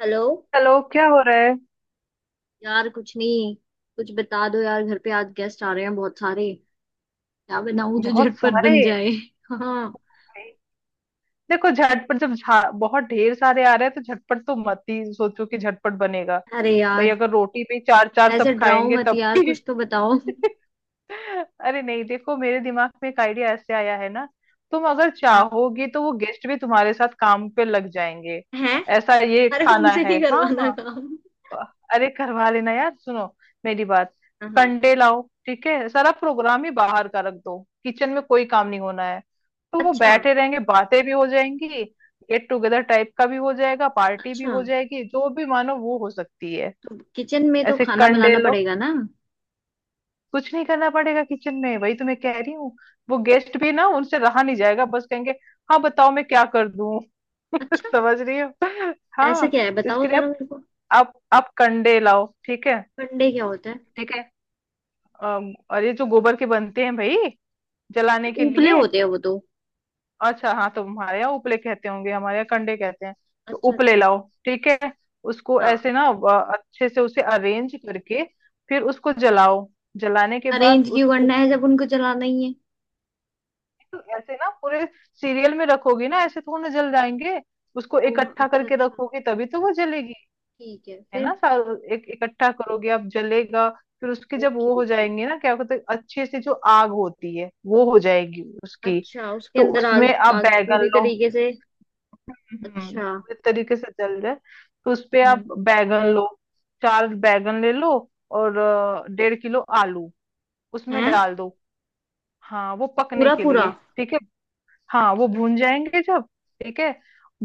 Hello. चलो, क्या हो रहा है। यार कुछ नहीं, कुछ बता दो यार। घर पे आज गेस्ट आ रहे हैं बहुत सारे। क्या बनाऊं जो बहुत झटपट सारे। बन जाए? हाँ। देखो झटपट जब बहुत ढेर सारे आ रहे हैं तो झटपट तो मत ही सोचो कि झटपट बनेगा। अरे भाई यार, अगर रोटी भी चार चार ऐसे सब डराओ खाएंगे मत तब यार, भी। कुछ तो बताओ। अरे नहीं देखो, मेरे दिमाग में एक आइडिया ऐसे आया है ना। तुम अगर हाँ। चाहोगी तो वो गेस्ट भी तुम्हारे साथ काम पे लग जाएंगे। है। ऐसा ये अरे खाना उनसे है, नहीं करवाना हाँ। काम। अरे करवा लेना यार, सुनो मेरी बात। हाँ हाँ। कंडे लाओ, ठीक है। सारा प्रोग्राम ही बाहर का रख दो। किचन में कोई काम नहीं होना है। तो वो अच्छा। बैठे रहेंगे, बातें भी हो जाएंगी। गेट टुगेदर टाइप का भी हो जाएगा, पार्टी भी अच्छा, हो जाएगी, जो भी मानो वो हो सकती है। तो किचन में तो ऐसे खाना कंडे बनाना लो। पड़ेगा ना? कुछ नहीं करना पड़ेगा किचन में, वही तो मैं कह रही हूँ। वो गेस्ट भी ना, उनसे रहा नहीं जाएगा, बस कहेंगे हाँ बताओ मैं क्या कर दूं। अच्छा, समझ रही हो। ऐसा हाँ। क्या है तो बताओ इसके लिए जरा आप मेरे को। आप कंडे लाओ, ठीक है। अंडे क्या होता है? ठीक है। और ये जो गोबर के बनते हैं भाई, जलाने के उपले लिए। होते हैं वो तो। अच्छा हाँ, तो हमारे यहाँ उपले कहते होंगे, हमारे यहाँ कंडे कहते हैं। तो अच्छा उपले अच्छा। लाओ, ठीक है। उसको हाँ, ऐसे ना अच्छे से उसे अरेंज करके, फिर उसको जलाओ। जलाने के बाद अरेंज क्यों करना उसको है जब उनको चलाना ही है? ऐसे ना पूरे सीरियल में रखोगी ना, ऐसे थोड़ा जल जाएंगे। उसको ओह इकट्ठा अच्छा करके अच्छा, रखोगी तभी तो वो जलेगी। ठीक है है फिर। ना, सारा एक इकट्ठा करोगे आप, जलेगा। फिर उसके, जब ओके वो हो ओके। जाएंगे ना, क्या कहते हैं, अच्छे से जो आग होती है वो हो जाएगी उसकी। अच्छा, उसके तो अंदर उसमें आग? आप आग बैगन पूरी लो। तरीके से? हम्म, अच्छा। पूरे तरीके से जल जाए। तो उसपे आप हम्म। बैगन लो, चार बैगन ले लो, और 1.5 किलो आलू उसमें है। डाल दो। हाँ, वो पकने पूरा के पूरा? लिए, ठीक है। हाँ, वो भून जाएंगे जब, ठीक है।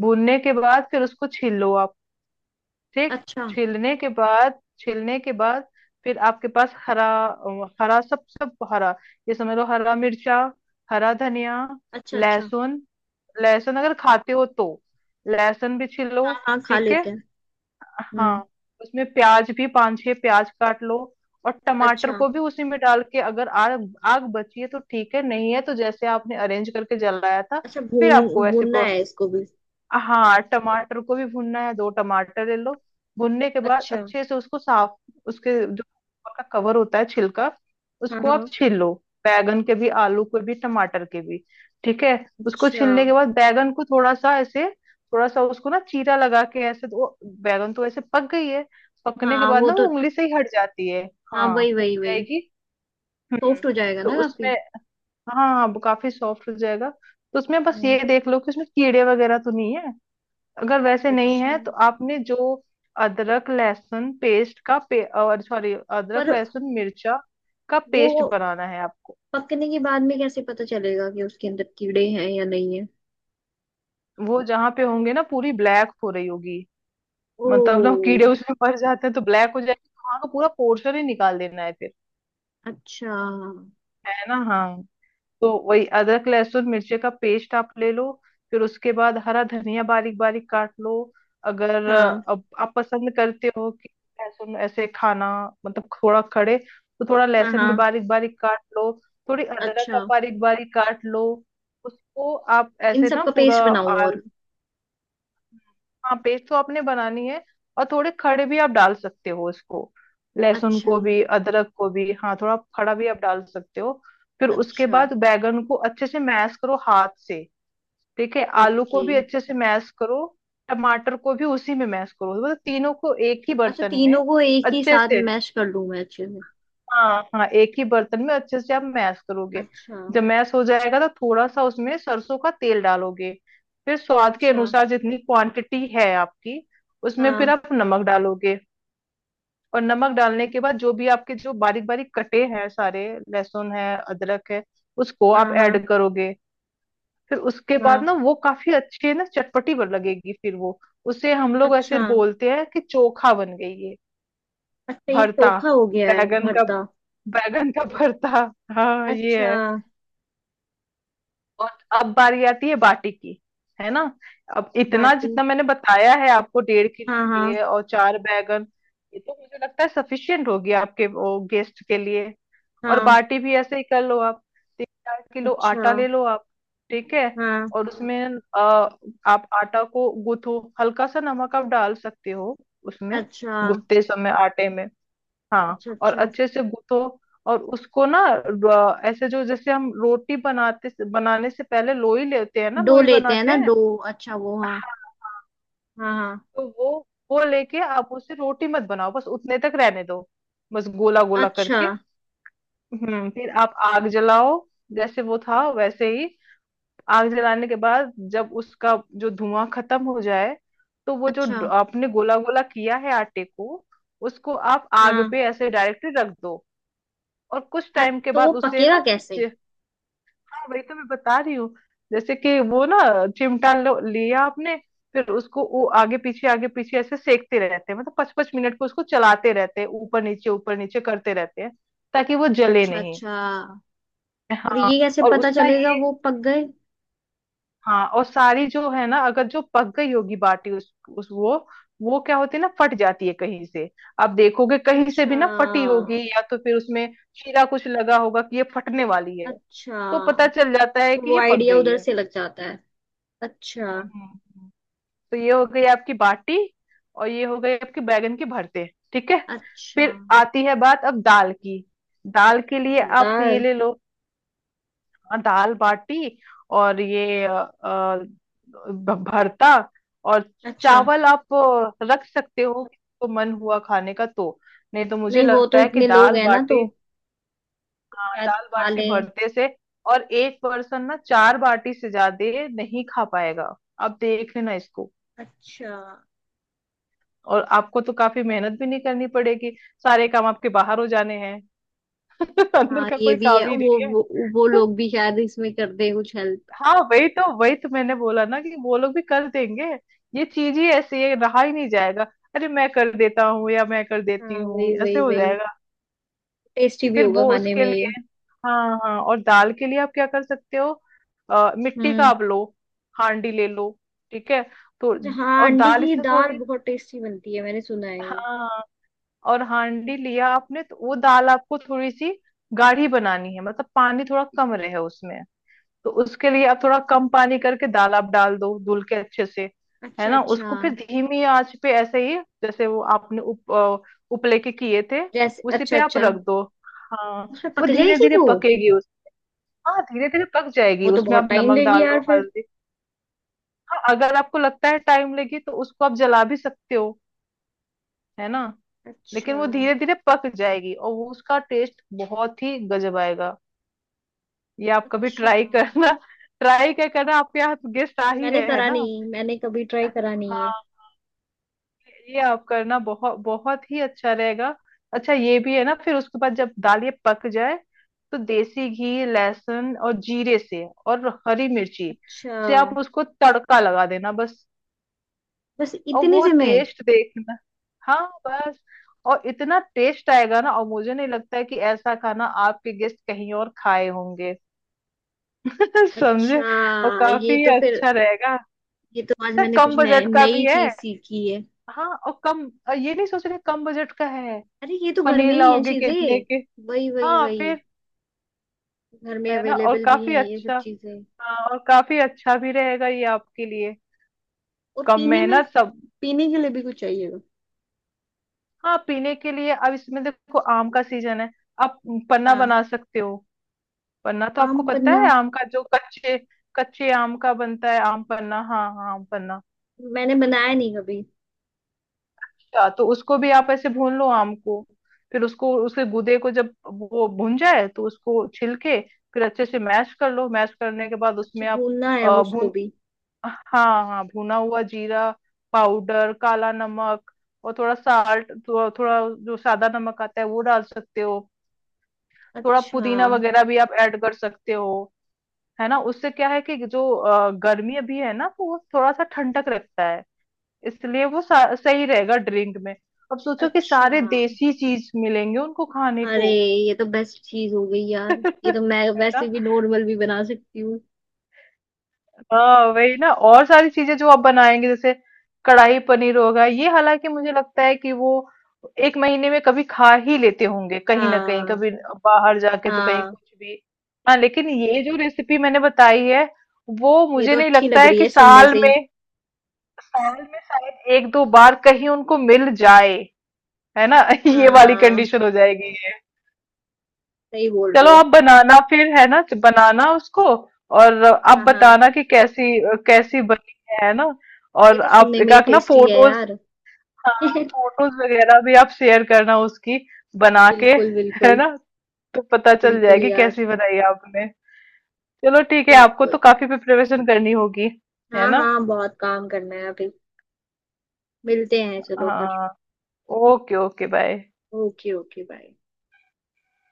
भूनने के बाद फिर उसको छील लो आप, ठीक। अच्छा। छीलने के बाद फिर आपके पास हरा, हरा सब, सब हरा, ये समझ लो, हरा मिर्चा, हरा धनिया, अच्छा, अच्छा। लहसुन। लहसुन अगर खाते हो तो लहसुन भी छीलो, हाँ हाँ, खा ठीक है। लेते हैं। हाँ। हम्म। उसमें प्याज भी पांच छह प्याज काट लो। और टमाटर अच्छा। को भी उसी में डाल के, अगर आग आग बची है तो ठीक है, नहीं है तो जैसे आपने अरेंज करके जलाया था, अच्छा, फिर आपको भून वैसे भूनना है प्रोसेस। इसको भी? हाँ, टमाटर को भी भूनना है, दो टमाटर ले लो। भुनने के बाद अच्छा। अच्छे से उसको साफ, उसके जो ऊपर का कवर होता है, छिलका, हाँ उसको आप हाँ। छील लो। बैगन के भी, आलू के भी, टमाटर के भी, ठीक है। उसको अच्छा। छीलने के बाद बैगन को थोड़ा सा ऐसे, थोड़ा सा उसको ना चीरा लगा के, ऐसे तो वो बैगन तो ऐसे पक गई है। पकने के हाँ बाद वो ना तो। वो उंगली से ही हट जाती है। हाँ, हाँ, वही हो वही वही। जाएगी। हम्म। सॉफ्ट हो जाएगा तो ना काफी। उसमें, हाँ हाँ, वो काफी सॉफ्ट हो जाएगा। तो उसमें बस हम्म। ये देख लो कि उसमें कीड़े वगैरह तो नहीं है। अगर वैसे नहीं अच्छा। है तो आपने जो अदरक लहसुन और सॉरी, अदरक पर लहसुन मिर्चा का वो पेस्ट बनाना है आपको। पकने के बाद में कैसे पता चलेगा कि उसके अंदर कीड़े हैं या नहीं है? वो जहां पे होंगे ना, पूरी ब्लैक हो रही होगी। ओ। मतलब ना कीड़े उसमें मर जाते हैं तो ब्लैक हो जाएगी, तो वहां का पूरा पोर्शन ही निकाल देना है फिर, अच्छा। है ना। हाँ। तो वही अदरक लहसुन मिर्ची का पेस्ट आप ले लो। फिर उसके बाद हरा धनिया बारीक बारीक काट लो। अगर हाँ अब आप पसंद करते हो कि लहसुन ऐसे खाना, मतलब थोड़ा खड़े, तो थोड़ा हाँ। लहसुन भी हाँ। बारीक बारीक काट लो। थोड़ी अदरक आप अच्छा, बारीक बारीक काट लो। उसको आप इन ऐसे सब ना का पूरा पेस्ट बनाऊं? और आल हाँ, पेस्ट तो आपने बनानी है, और थोड़े खड़े भी आप डाल सकते हो इसको, लहसुन अच्छा। को भी अदरक को भी। हाँ, थोड़ा खड़ा भी आप डाल सकते हो। फिर उसके अच्छा। बाद बैगन को अच्छे से मैश करो हाथ से, ठीक है। आलू को ओके। भी अच्छे से मैश करो। टमाटर को भी उसी में मैश करो, मतलब तीनों को एक ही अच्छा, बर्तन में तीनों को एक ही अच्छे साथ से। मैश कर लूं मैं अच्छे से? हाँ हाँ, एक ही बर्तन में अच्छे से आप मैश करोगे। अच्छा। जब मैश हो जाएगा तो थोड़ा सा उसमें सरसों का तेल डालोगे। फिर स्वाद के अच्छा। अनुसार जितनी क्वांटिटी है आपकी, उसमें फिर हाँ। आप नमक डालोगे। और नमक डालने के बाद जो भी आपके जो बारीक बारीक कटे हैं सारे, लहसुन है, अदरक है, उसको आप हाँ हाँ। ऐड करोगे। फिर उसके बाद हाँ। ना वो काफी अच्छे ना चटपटी बन लगेगी, फिर वो, उसे हम लोग ऐसे अच्छा। बोलते हैं कि चोखा बन गई ये, अच्छा, ये भरता, चोखा हो गया है बैगन का, भरता? बैगन का भरता। हाँ, ये अच्छा। है। और अब बारी आती है बाटी की, है ना। अब इतना बाटी? जितना मैंने बताया है आपको, डेढ़ हाँ किलो हाँ। ये और चार बैगन, ये तो मुझे लगता है सफिशियंट होगी आपके वो गेस्ट के लिए। और हाँ। बाटी भी ऐसे ही कर लो आप। 3-4 किलो अच्छा। आटा ले लो आप, ठीक है। हाँ। और उसमें आप आटा को गूथो, हल्का सा नमक आप डाल सकते हो उसमें, अच्छा। गूथते समय आटे में। हाँ, अच्छा। और अच्छा, अच्छे से गूथो। और उसको ना, ऐसे जो, जैसे हम रोटी बनाते बनाने से पहले लोई लेते हैं ना, डो लोई लेते हैं बनाते ना हैं। डो, अच्छा वो। हाँ। हाँ, हाँ। हाँ हाँ। तो वो लेके आप उसे रोटी मत बनाओ, बस उतने तक रहने दो, बस गोला गोला अच्छा। करके। हम्म। फिर आप आग जलाओ, जैसे वो था वैसे ही। आग जलाने के बाद जब उसका जो धुआं खत्म हो जाए, तो वो जो अच्छा। आपने गोला गोला किया है आटे को, उसको आप आग हाँ। पे ऐसे डायरेक्टली रख दो। और कुछ अ- टाइम के तो वो बाद उसे पकेगा ना, कैसे? चि- हाँ, वही तो मैं बता रही हूँ। जैसे कि वो ना, चिमटा लिया आपने, फिर उसको वो आगे पीछे ऐसे सेकते रहते हैं, मतलब पाँच पाँच मिनट को उसको चलाते रहते हैं, ऊपर नीचे करते रहते हैं, ताकि वो जले अच्छा नहीं। अच्छा। और हाँ, ये कैसे और पता उसका चलेगा ये, वो पक गए? हाँ, और सारी जो है ना, अगर जो पक गई होगी बाटी, उस वो क्या होती है ना, फट जाती है कहीं से। आप देखोगे कहीं से अच्छा। भी ना फटी होगी, या तो फिर उसमें शीरा कुछ लगा होगा कि ये फटने वाली है। अच्छा, तो पता चल जाता है तो कि वो ये पक आइडिया गई उधर है। से लग जाता है। हम्म, अच्छा। हम्म, हम्म। तो ये हो गई आपकी बाटी, और ये हो गई आपकी बैगन की भरते, ठीक है। अच्छा। फिर आती है बात अब दाल की। दाल के लिए आप ये शब्दार। ले लो, दाल बाटी और ये भरता। और अच्छा। चावल आप रख सकते हो, तो मन हुआ खाने का तो, नहीं तो मुझे नहीं, वो तो लगता है कि इतने लोग दाल हैं ना, बाटी। तो हाँ, शायद दाल खा बाटी लें। भरते से। और एक पर्सन ना चार बाटी से ज्यादा नहीं खा पाएगा, आप देख लेना इसको। अच्छा। और आपको तो काफी मेहनत भी नहीं करनी पड़ेगी, सारे काम आपके बाहर हो जाने हैं। अंदर हाँ का ये कोई भी काम है। ही वो नहीं है। वो लोग भी शायद इसमें कर दे कुछ हेल्प। हाँ, वही तो मैंने बोला ना कि वो लोग भी कर देंगे। ये चीज ही ऐसी है, रहा ही नहीं जाएगा। अरे मैं कर देता हूँ या मैं कर देती हाँ, वही हूँ, ऐसे वही हो वही। जाएगा। टेस्टी भी फिर होगा वो खाने उसके में ये। लिए, हाँ हाँ, और दाल के लिए आप क्या कर सकते हो, मिट्टी का हम्म। आप लो, हांडी ले लो, ठीक है। तो हाँ और अंडे दाल की इसमें दाल थोड़ी, बहुत टेस्टी बनती है मैंने सुना है ये। हाँ, और हांडी लिया आपने तो वो दाल आपको थोड़ी सी गाढ़ी बनानी है, मतलब पानी थोड़ा कम रहे उसमें। तो उसके लिए आप थोड़ा कम पानी करके दाल आप डाल दो धुल के अच्छे से, है अच्छा ना। अच्छा। उसको फिर धीमी आंच पे ऐसे ही, जैसे वो आपने उपले के किए थे, जैसे उसी अच्छा पे आप अच्छा। रख दो। हाँ, उसमें वो पक धीरे जाएगी धीरे वो? पकेगी उस हाँ, धीरे धीरे पक जाएगी, वो तो उसमें बहुत आप टाइम नमक लेगी डाल दो, यार फिर। हल्दी। हाँ, अगर आपको लगता है टाइम लगी तो उसको आप जला भी सकते हो, है ना। लेकिन अच्छा। वो धीरे धीरे पक जाएगी और वो, उसका टेस्ट बहुत ही गजब आएगा। ये आप कभी अच्छा। ट्राई करना। ट्राई क्या करना, आपके हाथ गेस्ट आ ही मैंने रहे हैं करा ना। नहीं, मैंने कभी ट्राई करा नहीं है। हाँ, ये आप करना, बहुत बहुत ही अच्छा रहेगा। अच्छा ये भी है ना, फिर उसके बाद जब दाल ये पक जाए, तो देसी घी, लहसुन और जीरे से और हरी मिर्ची अच्छा। से आप उसको तड़का लगा देना बस। बस और इतने वो से मैं? टेस्ट देखना। हाँ, बस। और इतना टेस्ट आएगा ना, और मुझे नहीं लगता है कि ऐसा खाना आपके गेस्ट कहीं और खाए होंगे। अच्छा। समझे, और ये काफी तो फिर, अच्छा रहेगा ये तो आज ना, मैंने कम कुछ नया- बजट का भी नई है। चीज सीखी है। हाँ, और कम, ये नहीं सोच रहे कम बजट का है, अरे ये तो घर पनीर में ही है लाओगे कितने चीजें। के। वही वही हाँ, वही। फिर घर में है ना, और अवेलेबल भी काफी हैं ये सब अच्छा। चीजें। हाँ, और काफी अच्छा भी रहेगा ये आपके लिए, और कम पीने में? मेहनत सब। पीने के लिए भी कुछ चाहिएगा। हाँ, पीने के लिए अब इसमें देखो, आम का सीजन है, आप पन्ना हाँ। बना सकते हो। पन्ना तो आपको आम पता पन्ना? है, आम का जो कच्चे, कच्चे आम का बनता है आम पन्ना। हाँ हाँ, आम पन्ना। मैंने बनाया नहीं कभी। अच्छा, तो उसको भी आप ऐसे भून लो, आम को। फिर उसको, उसके गूदे को जब वो भून जाए तो उसको छिल के फिर अच्छे से मैश कर लो। मैश करने के बाद अच्छा, उसमें आप भूनना है वो अ, उसको भून भी? हाँ हाँ, भुना हुआ जीरा पाउडर, काला नमक, और थोड़ा साल्ट, थोड़ा थोड़ा जो सादा नमक आता है वो डाल सकते हो। थोड़ा अच्छा। पुदीना वगैरह भी आप ऐड कर सकते हो, है ना। उससे क्या है कि जो गर्मी अभी है ना, तो वो थोड़ा सा ठंडक रखता है, इसलिए वो सही रहेगा ड्रिंक में। अब सोचो कि अच्छा। सारे देसी चीज मिलेंगे उनको खाने अरे को। ये तो बेस्ट चीज हो गई यार, ये तो मैं है ना। वैसे भी नॉर्मल भी बना सकती हूँ। हाँ, वही ना, और सारी चीजें जो आप बनाएंगे, जैसे कढ़ाई पनीर होगा, ये हालांकि मुझे लगता है कि वो एक महीने में कभी खा ही लेते होंगे, कहीं ना कहीं हाँ कभी बाहर जाके तो, कहीं हाँ। कुछ भी। हाँ, लेकिन ये जो रेसिपी मैंने बताई है, वो ये मुझे तो नहीं अच्छी लगता लग है रही कि है सुनने साल से ही। में, शायद एक दो बार कहीं उनको मिल जाए, है ना। ये वाली हाँ, कंडीशन हो जाएगी। सही बोल रहे चलो, हो। आप बनाना फिर, है ना, बनाना उसको। और आप हाँ हाँ। बताना कि कैसी, कैसी बनी है ना। ये और तो आप सुनने एक में ही आध ना टेस्टी है फोटोज, यार। हाँ, फोटोज वगैरह भी आप शेयर करना उसकी, बना के, बिल्कुल बिल्कुल। है ना। तो पता चल बिल्कुल जाएगी यार। कैसी बनाई आपने। चलो ठीक है, आपको तो बिल्कुल। काफी प्रिपरेशन करनी होगी, है हाँ ना। हाँ, बहुत काम करना है अभी। मिलते हैं चलो फिर। हाँ। Okay okay, bye. Okay okay bye.